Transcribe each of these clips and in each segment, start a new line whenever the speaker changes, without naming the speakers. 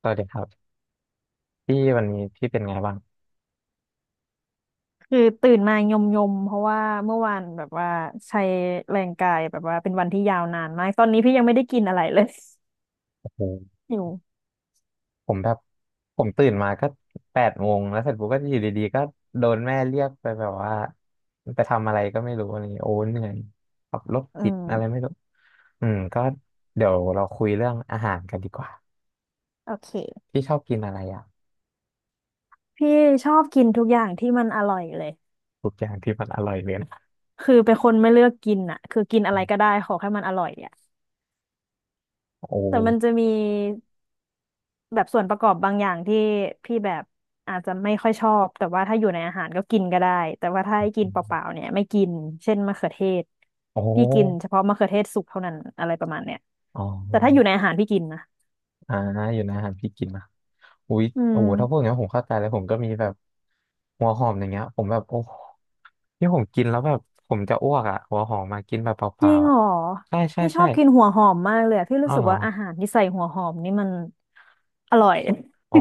สวัสดีครับพี่วันนี้พี่เป็นไงบ้าง
คือตื่นมายมยมเพราะว่าเมื่อวานแบบว่าใช้แรงกายแบบว่าเป็นวันที่ยาวนานมากตอนนี้พี่ยังไม่ได้กินอะไรเลย
โอ้โห
อยู่
ผมแบบผมตื่นมาก็แปดโมงแล้วเสร็จปุ๊บก็อยู่ดีๆก็โดนแม่เรียกไปแบบว่าไปทำอะไรก็ไม่รู้อะไรอย่างเงี้ยโอ้เหนื่อยขับรถ
อื
ติดอะไรไม่
ม
รู้อืมก็เดี๋ยวเราคุยเรื่องอาหารกันดีกว่า
โอเค
พี่ชอบกินอะไรอ่ะ
พี่ชอบกินทุกอย่างที่มันอร่อยเลย
ทุกอย่างที่มันอร่อยเลยนะ
คือเป็นคนไม่เลือกกินอ่ะคือกินอะไรก็ได้ขอแค่มันอร่อยอ่ะ
โอ้
แต่มันจะมี แบบส่วนประกอบบางอย่างที่พี่แบบอาจจะไม่ค่อยชอบแต่ว่าถ้าอยู่ในอาหารก็กินก็ได้แต่ว่าถ้าให้กินเปล่าๆเนี่ยไม่กินเช่นมะเขือเทศ
โอ
พี่กินเฉ
้
พาะมะเขือเทศสุกเท่านั้นอะไรประมาณเนี้ย
อ๋อ
แต่ถ้าอยู่ในอาหารพี่กินนะ
อ่าอยู่นะอาหารพี่กินนะอุ๊ย
อื
โอ้
ม
โหถ้าพูดอย่างนี้นผมเข้าใจเลยผมก็มีแบบหัวหอมอย่างเงี้ยผมแบบโอ้ที่ผมกินแล้วแบบผมจะอ้วกอ่ะหัวหอมมากินแบบเป
จริ
ล่า
ง
ๆอ่ะ
เหรอ
ใช่ใช่
พี่ชอ
ใช่
บกินหัวหอมมากเลยอะพี่รู้
อ้าว
สึ
เห
ก
รอ
ว่าอาหารที่ใส่หัวหอมนี่มันอร่อย
อ๋อ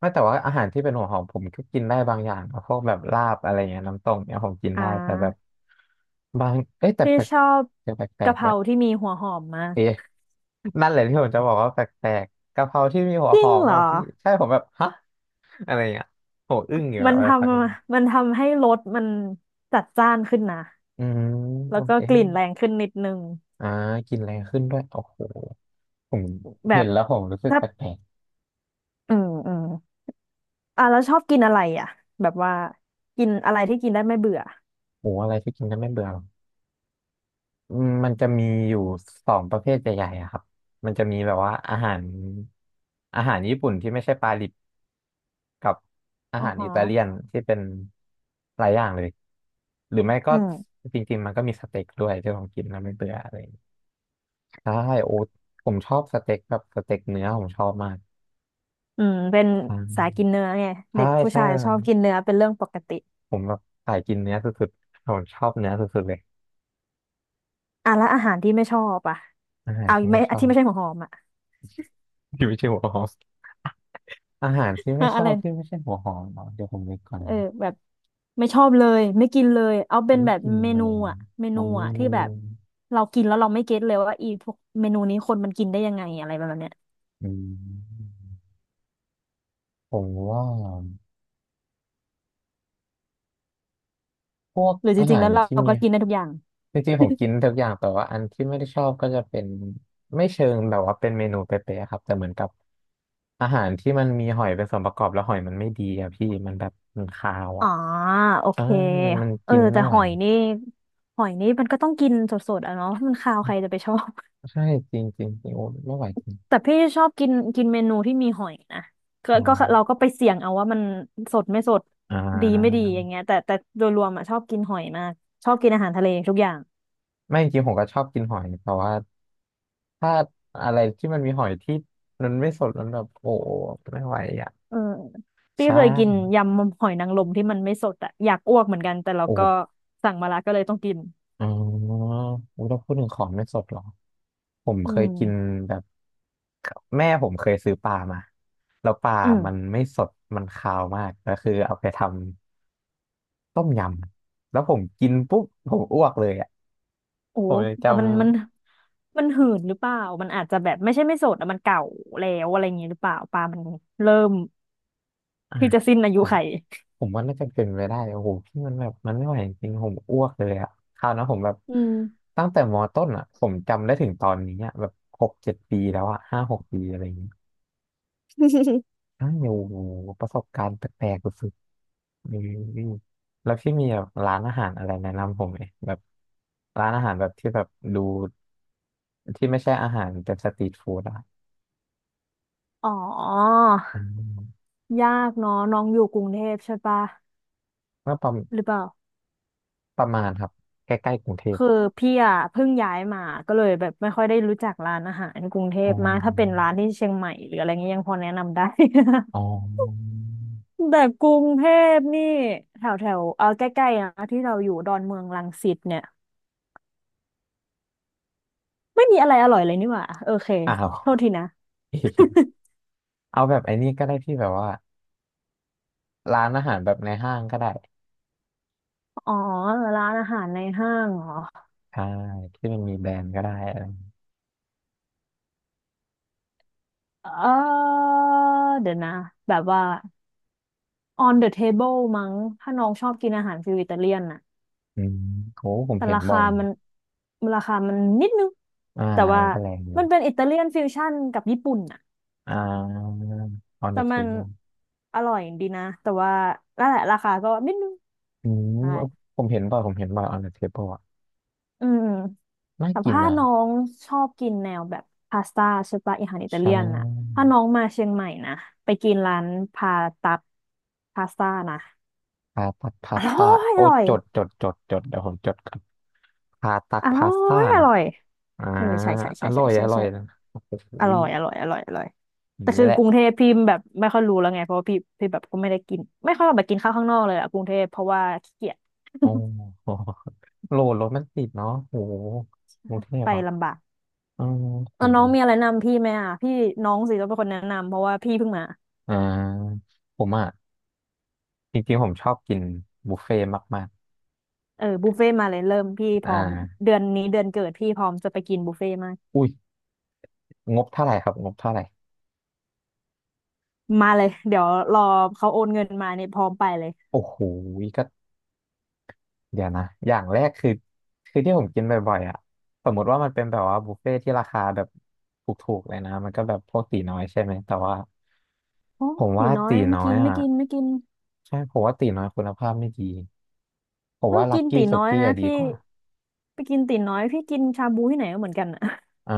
ไม่แต่ว่าอาหารที่เป็นหัวหอมผมก็กินได้บางอย่างนะพวกแบบลาบอะไรเงี้ยน้ำต้มเนี่ยผมกิน
อ่า
ได้แต่แบบบางเอ้ยแต่
พี่
แปลก
ชอบ
จะแปล
กะ
ก
เพ
ๆด้ว
รา
ย
ที่มีหัวหอมมาก
เอ๊ะนั่นแหละที่ผมจะบอกว่าแปลกๆกะเพราที่มีหัว
จริ
ห
ง
อม
เหรอ
อ่ะพี่ใช่ผมแบบฮะอะไรเงี้ยโหอึ้งอยู่แบ
มัน
บ
ทมันทำให้รสมันจัดจ้านขึ้นนะ
อืมโอ
แล้วก็
เค
กลิ่นแรงขึ้นนิดนึง
อ่ากินแรงขึ้นด้วยโอ้โหผม
แบ
เห็น
บ
แล้วผมรู้สึก
ถ้า
แปลก
อืมอ่ะแล้วชอบกินอะไรอ่ะแบบว่ากินอะไรที่กินได้ไม่เบื่อ
ๆหมูอะไรที่กินแล้วไม่เบื่อหรออืมมันจะมีอยู่สองประเภทใหญ่ๆอะครับมันจะมีแบบว่าอาหารญี่ปุ่นที่ไม่ใช่ปลาดิบกับอา
อ๋อ
หารอิ
ฮะ
ตาเลียนที่เป็นหลายอย่างเลยหรือไม่ก็
อืม
จริงๆมันก็มีสเต็กด้วยที่ผมกินแล้วไม่เบื่ออะไรอย่างเงี้ยใช่โอ้ผมชอบสเต็กแบบสเต็กเนื้อผมชอบมาก
อืมเป็น
อ่
สาย
า
กินเนื้อไง
ใช่
เด็กผู้
ใช่
ชายชอบกินเนื้อเป็นเรื่องปกติ
ผมแบบสายกินเนื้อสุดๆผมชอบเนื้อสุดๆเลย
อ่ะแล้วอาหารที่ไม่ชอบอ่ะ
อาหาร
เอา
ที่
ไม่
ไม่ชอ
ที่
บ
ไม่ใช่หัวหอมอ่ะ
ที่ไม่ใช่หัวหอมอาหารที่ไม่ ช
อะ
อ
ไร
บที่ไม่ใช่หัวหอมเหรอเดี๋ยวผมนึกก่อน
เออ
นะ
แบบไม่ชอบเลยไม่กินเลยเอาเป็น
ไม่
แบบ
กิน
เม
เล
นู
ย
อะเม
ผ
นู
มมี
อะที่
งู
แบบเรากินแล้วเราไม่เก็ตเลยว่าอีพวกเมนูนี้คนมันกินได้ยังไงอะไรประมาณเนี้ย
อืมผมว่าพวก
หรือจ
อา
ริ
หา
งๆ
ร
แล้วเรา
ที่มี
ก็กินได้ทุกอย่าง
จริงๆผมกินทุกอย่างแต่ว่าอันที่ไม่ได้ชอบก็จะเป็นไม่เชิงแบบว่าเป็นเมนูเป๊ะๆครับแต่เหมือนกับอาหารที่มันมีหอยเป็นส่วนประกอบแล้วหอยมันไม่ดีอะพี่มันแบบมันคาว
อ๋อ
อะ
โอเค
อ่ามัน
เออ
กิน
แต่
ไม่
ห
ไหว
อยนี่หอยนี่มันก็ต้องกินสดๆอ่ะเนาะมันคาวใครจะไปชอบ
ใช่จริงจริงจริงโอ้ไม่ไหวจริง
แต่พี่ชอบกินกินเมนูที่มีหอยนะก็
นอ
ก็
น
เราก็ไปเสี่ยงเอาว่ามันสดไม่สด
อ่
ดีไม่ดี
า
อย่างเงี้ยแต่โดยรวมอ่ะชอบกินหอยมากชอบกินอาหารทะเลทุกอย่าง
ไม่จริงผมก็ชอบกินหอยแต่ว่าถ้าอะไรที่มันมีหอยที่มันไม่สดมันแบบโอ้ไม่ไหวอ่ะ
เออ
ใช
พี่เคยกิน
่
ยำหอยนางรมที่มันไม่สดอะอยากอ้วกเหมือนกันแต่เรา
โอ้
ก็สั่งมาละก็เลยต้องกิน
อ๋ออุ๊ยเราพูดถึงของไม่สดเหรอผม
อื
เคย
ม
กินแบบแม่ผมเคยซื้อปลามาแล้วปลา
อืม
มันไม่สดมันคาวมากก็คือเอาไปทำต้มยำแล้วผมกินปุ๊บผมอ้วกเลยอ่ะ
โอ้
ผมยังจ
อ่ะมัน
ำ
มันหืนหรือเปล่ามันอาจจะแบบไม่ใช่ไม่สดอะมันเก่าแล้วอะไรอย่างงี้หรือเปล่าปลามันเริ่ม
อ่า
ที่จะสิ้นอายุ
จ้ะ
ไข
ผมว่าน่าจะเป็นไปได้โอ้โหพี่มันแบบมันไม่ไหวจริงๆผมอ้วกเลยอะคราวนั้นผมแบบ
อืม
ตั้งแต่มต้นอะผมจำได้ถึงตอนนี้อะแบบหกเจ็ดปีแล้วอะห้าหกปีอะไรอย่างเงี้ย อ้าวโอ้โหประสบการณ์แปลกๆสุดๆนี่แล้วพี่มีแบบร้านอาหารอะไรแนะนำผมไหมแบบร้านอาหารแบบที่แบบดูที่ไม่ใช่อาหารแบบสตรีทฟู้ดอะ
อ๋อ
อืม
ยากเนาะน้องอยู่กรุงเทพใช่ปะ
ก็
หรือเปล่า
ประมาณครับใกล้ๆกรุงเทพ
คือพี่อ่ะเพิ่งย้ายมาก็เลยแบบไม่ค่อยได้รู้จักร้านอาหารกรุงเท
อ๋อ
พมากถ้าเป็นร้านที่เชียงใหม่หรืออะไรเงี้ยยังพอแนะนำได้
อ๋อ
แต่กรุงเทพนี่แถวแถวเออใกล้ๆนะที่เราอยู่ดอนเมืองรังสิตเนี่ยไม่มีอะไรอร่อยเลยนี่หว่าโอเค
อ้าว
โทษทีนะ
เอาแบบไอ้นี่ก็ได้ที่แบบว่าร้านอาหารแบบในห้างก็ได้
อ๋อร้านอาหารในห้างเหรอ
ใช่ที่มันมีแบรนด์ก็ได้อะไร
เออเดี๋ยวนะแบบว่า on the table มั้งถ้าน้องชอบกินอาหารฟิวอิตาเลียนนะ
อืมโหผม
แต่
เห็นบ่อยนะ
ราคามันนิดนึง
อ่า
แต่ว่า
มันก็แรงอยู่
มันเป็นอิตาเลียนฟิวชั่นกับญี่ปุ่นน่ะ
อ่า on
แต่
the
มัน
table
อร่อยดีนะแต่ว่านั่นแหละราคาก็นิดนึง
อืม
ใช่
อผมเห็นบ่อยผมเห็นบ่อย on the table อ่ะ
อืม
น่า
แต่
กิน
ถ้า
นะ
น้องชอบกินแนวแบบพาสต้าใช่ปะอาหารอิตา
ใช่
เลียนน่ะถ้าน้องมาเชียงใหม่นะไปกินร้านพาตัดพาสต้านะ
พาตักพา
อ
ส
ร่
ต้า
อย
โอ้
อร่อย
จดจดจดจดเดี๋ยวผมจดก่อนพาตัก
อร่อ
พาสต้า
ยอ
นะ
ร่อย
อ่า
เออใช่ใช่
อ
ใช่
ร่
ใช่
อย
ใช่
อร่อย
ใช่
นะโอ้โห
อร่อยอร่อยอร่อยอร่อย
อย่า
แต่
งนี้
คือ
แห
ก
ละ
รุงเทพพี่แบบไม่ค่อยรู้แล้วไงเพราะว่าพี่แบบก็ไม่ได้กินไม่ค่อยแบบกินข้าวข้างนอกเลยอะกรุงเทพเพราะว่าขี้เกียจ
โอ้โ ห โหลดรถมันติดเนาะโหกรุงเทพ
ไป
อ่ะ
ลำบาก
อืมโห
แล้วน้องมีอะไรแนะนำพี่ไหมอ่ะพี่น้องสิต้องเป็นคนแนะนำเพราะว่าพี่เพิ่งมา
อ่าผมอ่ะจริงๆผมชอบกินบุฟเฟ่ต์มาก
เออบุฟเฟ่ต์มาเลยเริ่มพี่
ๆ
พ
อ่า
ร้อมเดือนนี้เดือนเกิดพี่พร้อมจะไปกินบุฟเฟ่ต์มาก
อุ้ยงบเท่าไหร่ครับงบเท่าไหร่
มาเลยเดี๋ยวรอเขาโอนเงินมาเนี่ยพร้อมไปเลย
โอ้โห เดี๋ยวนะ อย่างแรกคือ คือที่ผมกินบ่อยๆอ่ะสมมติว่ามันเป็นแบบว่าบุฟเฟ่ที่ราคาแบบถูกๆเลยนะ มันก็แบบพวกตีน้อยใช่ไหม แต่ว่า
โอ้
ผม
ตี
ว่า
น้อย
ตี
ไม่
น้อ
กิ
ย
นไม่
อ่ะ
กินไม่กิน
ใช่ ผมว่าตีน้อยคุณภาพไม่ดี ผม
เพิ่ง
ว่าลั
กิ
ก
น
กี้
ตี
สุ
น้อย
กี้
นะ
อะดี
พี่
กว่า
ไปกินตีน้อยพี่กินชาบูที่ไหนก็เหมือนกันอะ
อ่า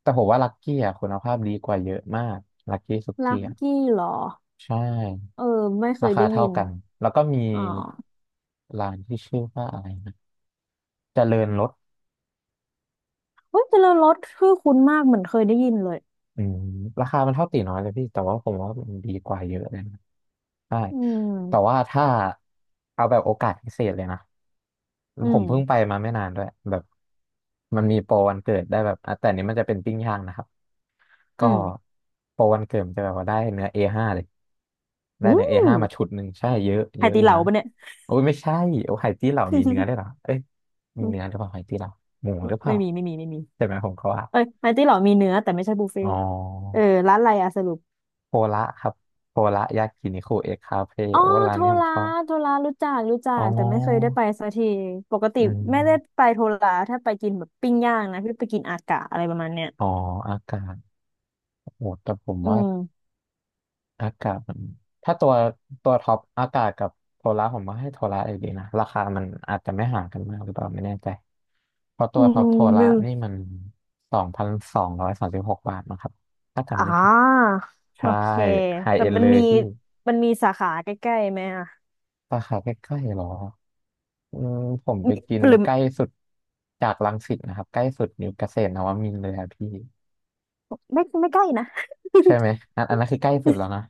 แต่ผมว่าลักกี้อะคุณภาพดีกว่าเยอะมากลักกี้สุ
ลั
กี้
ก
อะ
กี้เหรอ
ใช่
เออไม่เค
รา
ย
คา
ได้ยิ
เท่า
น
กัน แล้วก็มี
อ๋อ
ร้านที่ชื่อว่าอะไรนะเจริญรส
เฮ้ยแต่ละรสชื่อคุ้นมากเหมือนเคยได้ยินเลย
อืมราคามันเท่าตีน้อยเลยพี่แต่ว่าผมว่ามันดีกว่าเยอะเลยนะใช่
อื
แต่
ม
ว่าถ้าเอาแบบโอกาสพิเศษเลยนะ
อื
ผ
ม
มเพิ่งไปมาไม่นานด้วยแบบมันมีโปรวันเกิดได้แบบอ่ะแต่อันนี้มันจะเป็นปิ้งย่างนะครับ
อื
ก็
ม
โปรวันเกิดมันจะแบบว่าได้เนื้อเอห้าเลยได้
อู้
เนื้อ A5 มาชุดหนึ่งใช่เยอะ
ไฮ
เยอะ
ตี
อยู่
เหลา
นะ
ปะเนี่ย
โอ้ยไม่ใช่โอ้ไห่ตี้เหล่ามีเนื้อได้วยเหรอเอ้ยมี
อื
เนื้อหรื
ม
อเปล่าไห่ตี้เหล่าหมูหรือเป
ไม่
ล่า
มีไม่มีไม่มี
ใช่ไหมผมเขาว่า
เอ้ยไฮตีเหลามีเนื้อแต่ไม่ใช่บุฟเฟ่
อ๋อ
ต์เออร้านอะไรอะสรุป
โพละครับโพละยากินิคุเอ็กคาเฟ่
อ๋อ
โอ้ร้า
โท
นนี้ผม
รา
ชอบ
โทรารู้จักรู้จั
อ๋
กแต่ไม่เคยได้
อ
ไปสักทีปกติ
อื
ไม่ได้
ม
ไปโทราถ้าไปกินแบบปิ้งย่างนะพี่ไปกินอากะอะไรประมาณเนี้ย
อ๋ออากาศโอ้แต่ผม
อื
ว่า
ม
อากาศมัน ถ้าตัวตัวท็อปอากาศกับโทละผมว่าให้โทละอยู่ดีนะ ราคามันอาจจะไม่ห่างกันมากหรือเปล่าไม่แน่ใจเพราะตั
อื
วท็อปโทละนี่
ม
มัน2,236 บาทนะครับ ถ้า
อ๋
จำ
อ
ไม่ผิด
โอ
ใช่
เค
ไฮ
แต่
เอ็นเลยพี่
มันมีสาขาใกล้ๆไหมอ่ะ
สาขาใกล้ๆเหรออืมผมไป
มี
กิน
หรือ
ใกล้สุดจากรังสิตนะครับใกล้สุดอยู่เกษตรนวมินทร์เลยครับพี่
ไม่ไม่ใกล้นะ
ใช่ไหมอันอันนั้นคือใกล้สุดแล้วนะ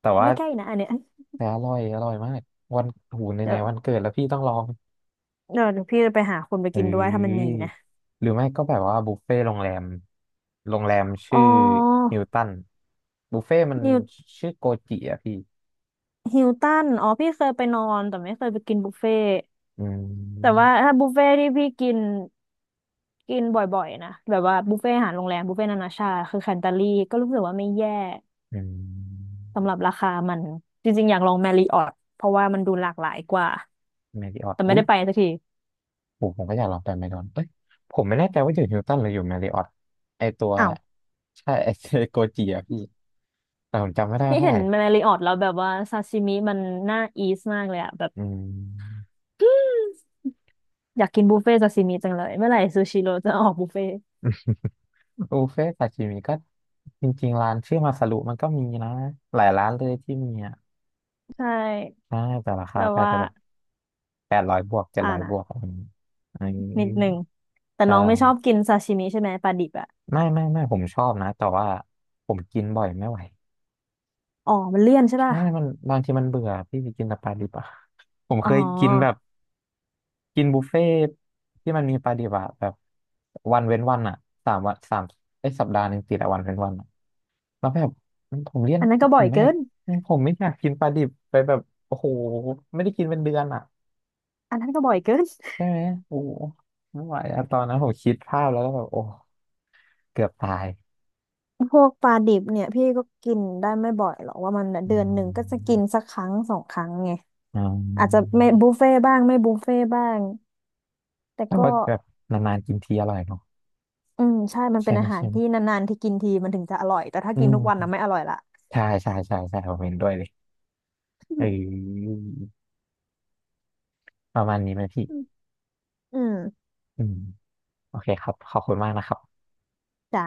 แต่ ว่า
ไม่ใกล้นะอันเนี้ย
แต่อร่อยอร่อยมากวันหูไห
เดี๋
น
ยว
ๆวันเกิดแล้วพี่ต้องลอง
เดี๋ยวพี่จะไปหาคนไป
เอ้
กินด้วยถ้ามันมี
ย
นะ
หรือไม่ก็แบบว่าบุฟเฟ่ต์โรงแรมโรงแรม
อ๋
ชื่อ
อ
ฮิลตันบุฟเฟ่ต์มัน
นิว
ชื่อโกจิอะพี่
ฮิลตันอ๋อพี่เคยไปนอนแต่ไม่เคยไปกินบุฟเฟ่ต์
อื
แต่
ม
ว่าถ้าบุฟเฟ่ต์ที่พี่กินกินบ่อยๆนะแบบว่าบุฟเฟ่ต์อาหารโรงแรมบุฟเฟ่ต์นานาชาติคือแคนตาลีก็รู้สึกว่าไม่แย่
อืม
สำหรับราคามันจริงๆอยากลองแมริออทเพราะว่ามันดูหลากหลายกว่า
แมริออต
แต่ไม่
อุ้ย
ได้ไปสักที
ผมผมก็อยากลองไปไมดอนเอ้ยผมไม่แน่ใจว่าอยู่ฮิลตันหรืออยู่แมริออตไอตัว
อ้าว
ใช่ ไอโกจิอะพี่ แต่ผมจำไม่ได้
พี่
ว่าเท่า
เห็
ไห
น
ร่
แมรี่ออตแล้วแบบว่าซาซิมิมันน่าอีสมากเลยอะแบบ
อืม
อยากกินบุฟเฟ่ต์ซาซิมิจังเลยเมื่อไหร่ซูชิโร่จะออกบุฟเฟ่ต์
บุฟเฟ่ต์ซาชิมิก็จริงๆร้านชื่อมาซารุมันก็มีนะหลายร้านเลยที่มีอ่ะ
ใช่
ใช่แต่ราคา
แบบ
ก็
ว่า
จะแบบแปดร้อยบวกเจ็ด
อ่า
ร้อยบ
นะ
วกอะไรอย่างนี้
นิ
อื
ด
ม
หนึ่งแต่
ใช่
น้องไม่ชอบกินซาชิมิใช่ไหมปลาดิบอะ
ไม่ไม่ไม่ผมชอบนะ แต่ว่าผมกินบ่อยไม่ไหว
อ๋อมันเลี่ยนใช่ป่ะ
ใช่มันบางทีมันเบื่อพี่ไปกินสปาดิบอ่ะ ผม
อ๋
เค
อ
ยกินแบบ กินบุฟเฟ่ต์ที่มันมีปลาดิบอะแบบวันเว้นวันอะสามวันสามไอ้ยสัปดาห์หนึ่งติดอะวันเว้นวันอะแล้วแบบผมเลี่ยน
อันนั้นก็
ผ
บ่อ
ม
ย
ไม่อ
เกิ
ยาก
น
ผมไม่อยากกินปลาดิบไปแบบโอ้โหไม่ได้กินเป็นเดือนอะ
อันนั้นก็บ่อยเกิน
ใช่ไหมโอ้โหไม่ไหวอะตอนนั้นผมคิดภาพแล้วก็แบบโอ้เกือบตาย
พวกปลาดิบเนี่ยพี่ก็กินได้ไม่บ่อยหรอกว่ามัน
อื
เดือนหนึ่งก็จะกิน
ม
สักครั้ง2 ครั้งไง
อื
อาจจะไม่
ม
บุฟเฟ่บ้างไม่บุฟเฟ่บ้างแต่
แต่
ก็
ว่าแบบนานๆกินทีอร่อยเนาะ
อืมใช่มัน
ใช่
เป็น
ไหม
อาหาร
ใช่ไหม
ที่นานๆที่กินทีมันถึงจะอร่อยแต่ถ้า
อื
กินทุกวัน
ม
นะไม่อร่อยละ
ใช่ใช่ใช่ใช่ผมเห็นด้วยเลยเ ออประมาณนี้ไหมพี่
อืมอืม
อืม โอเคครับขอบคุณมากนะครับ
จ้า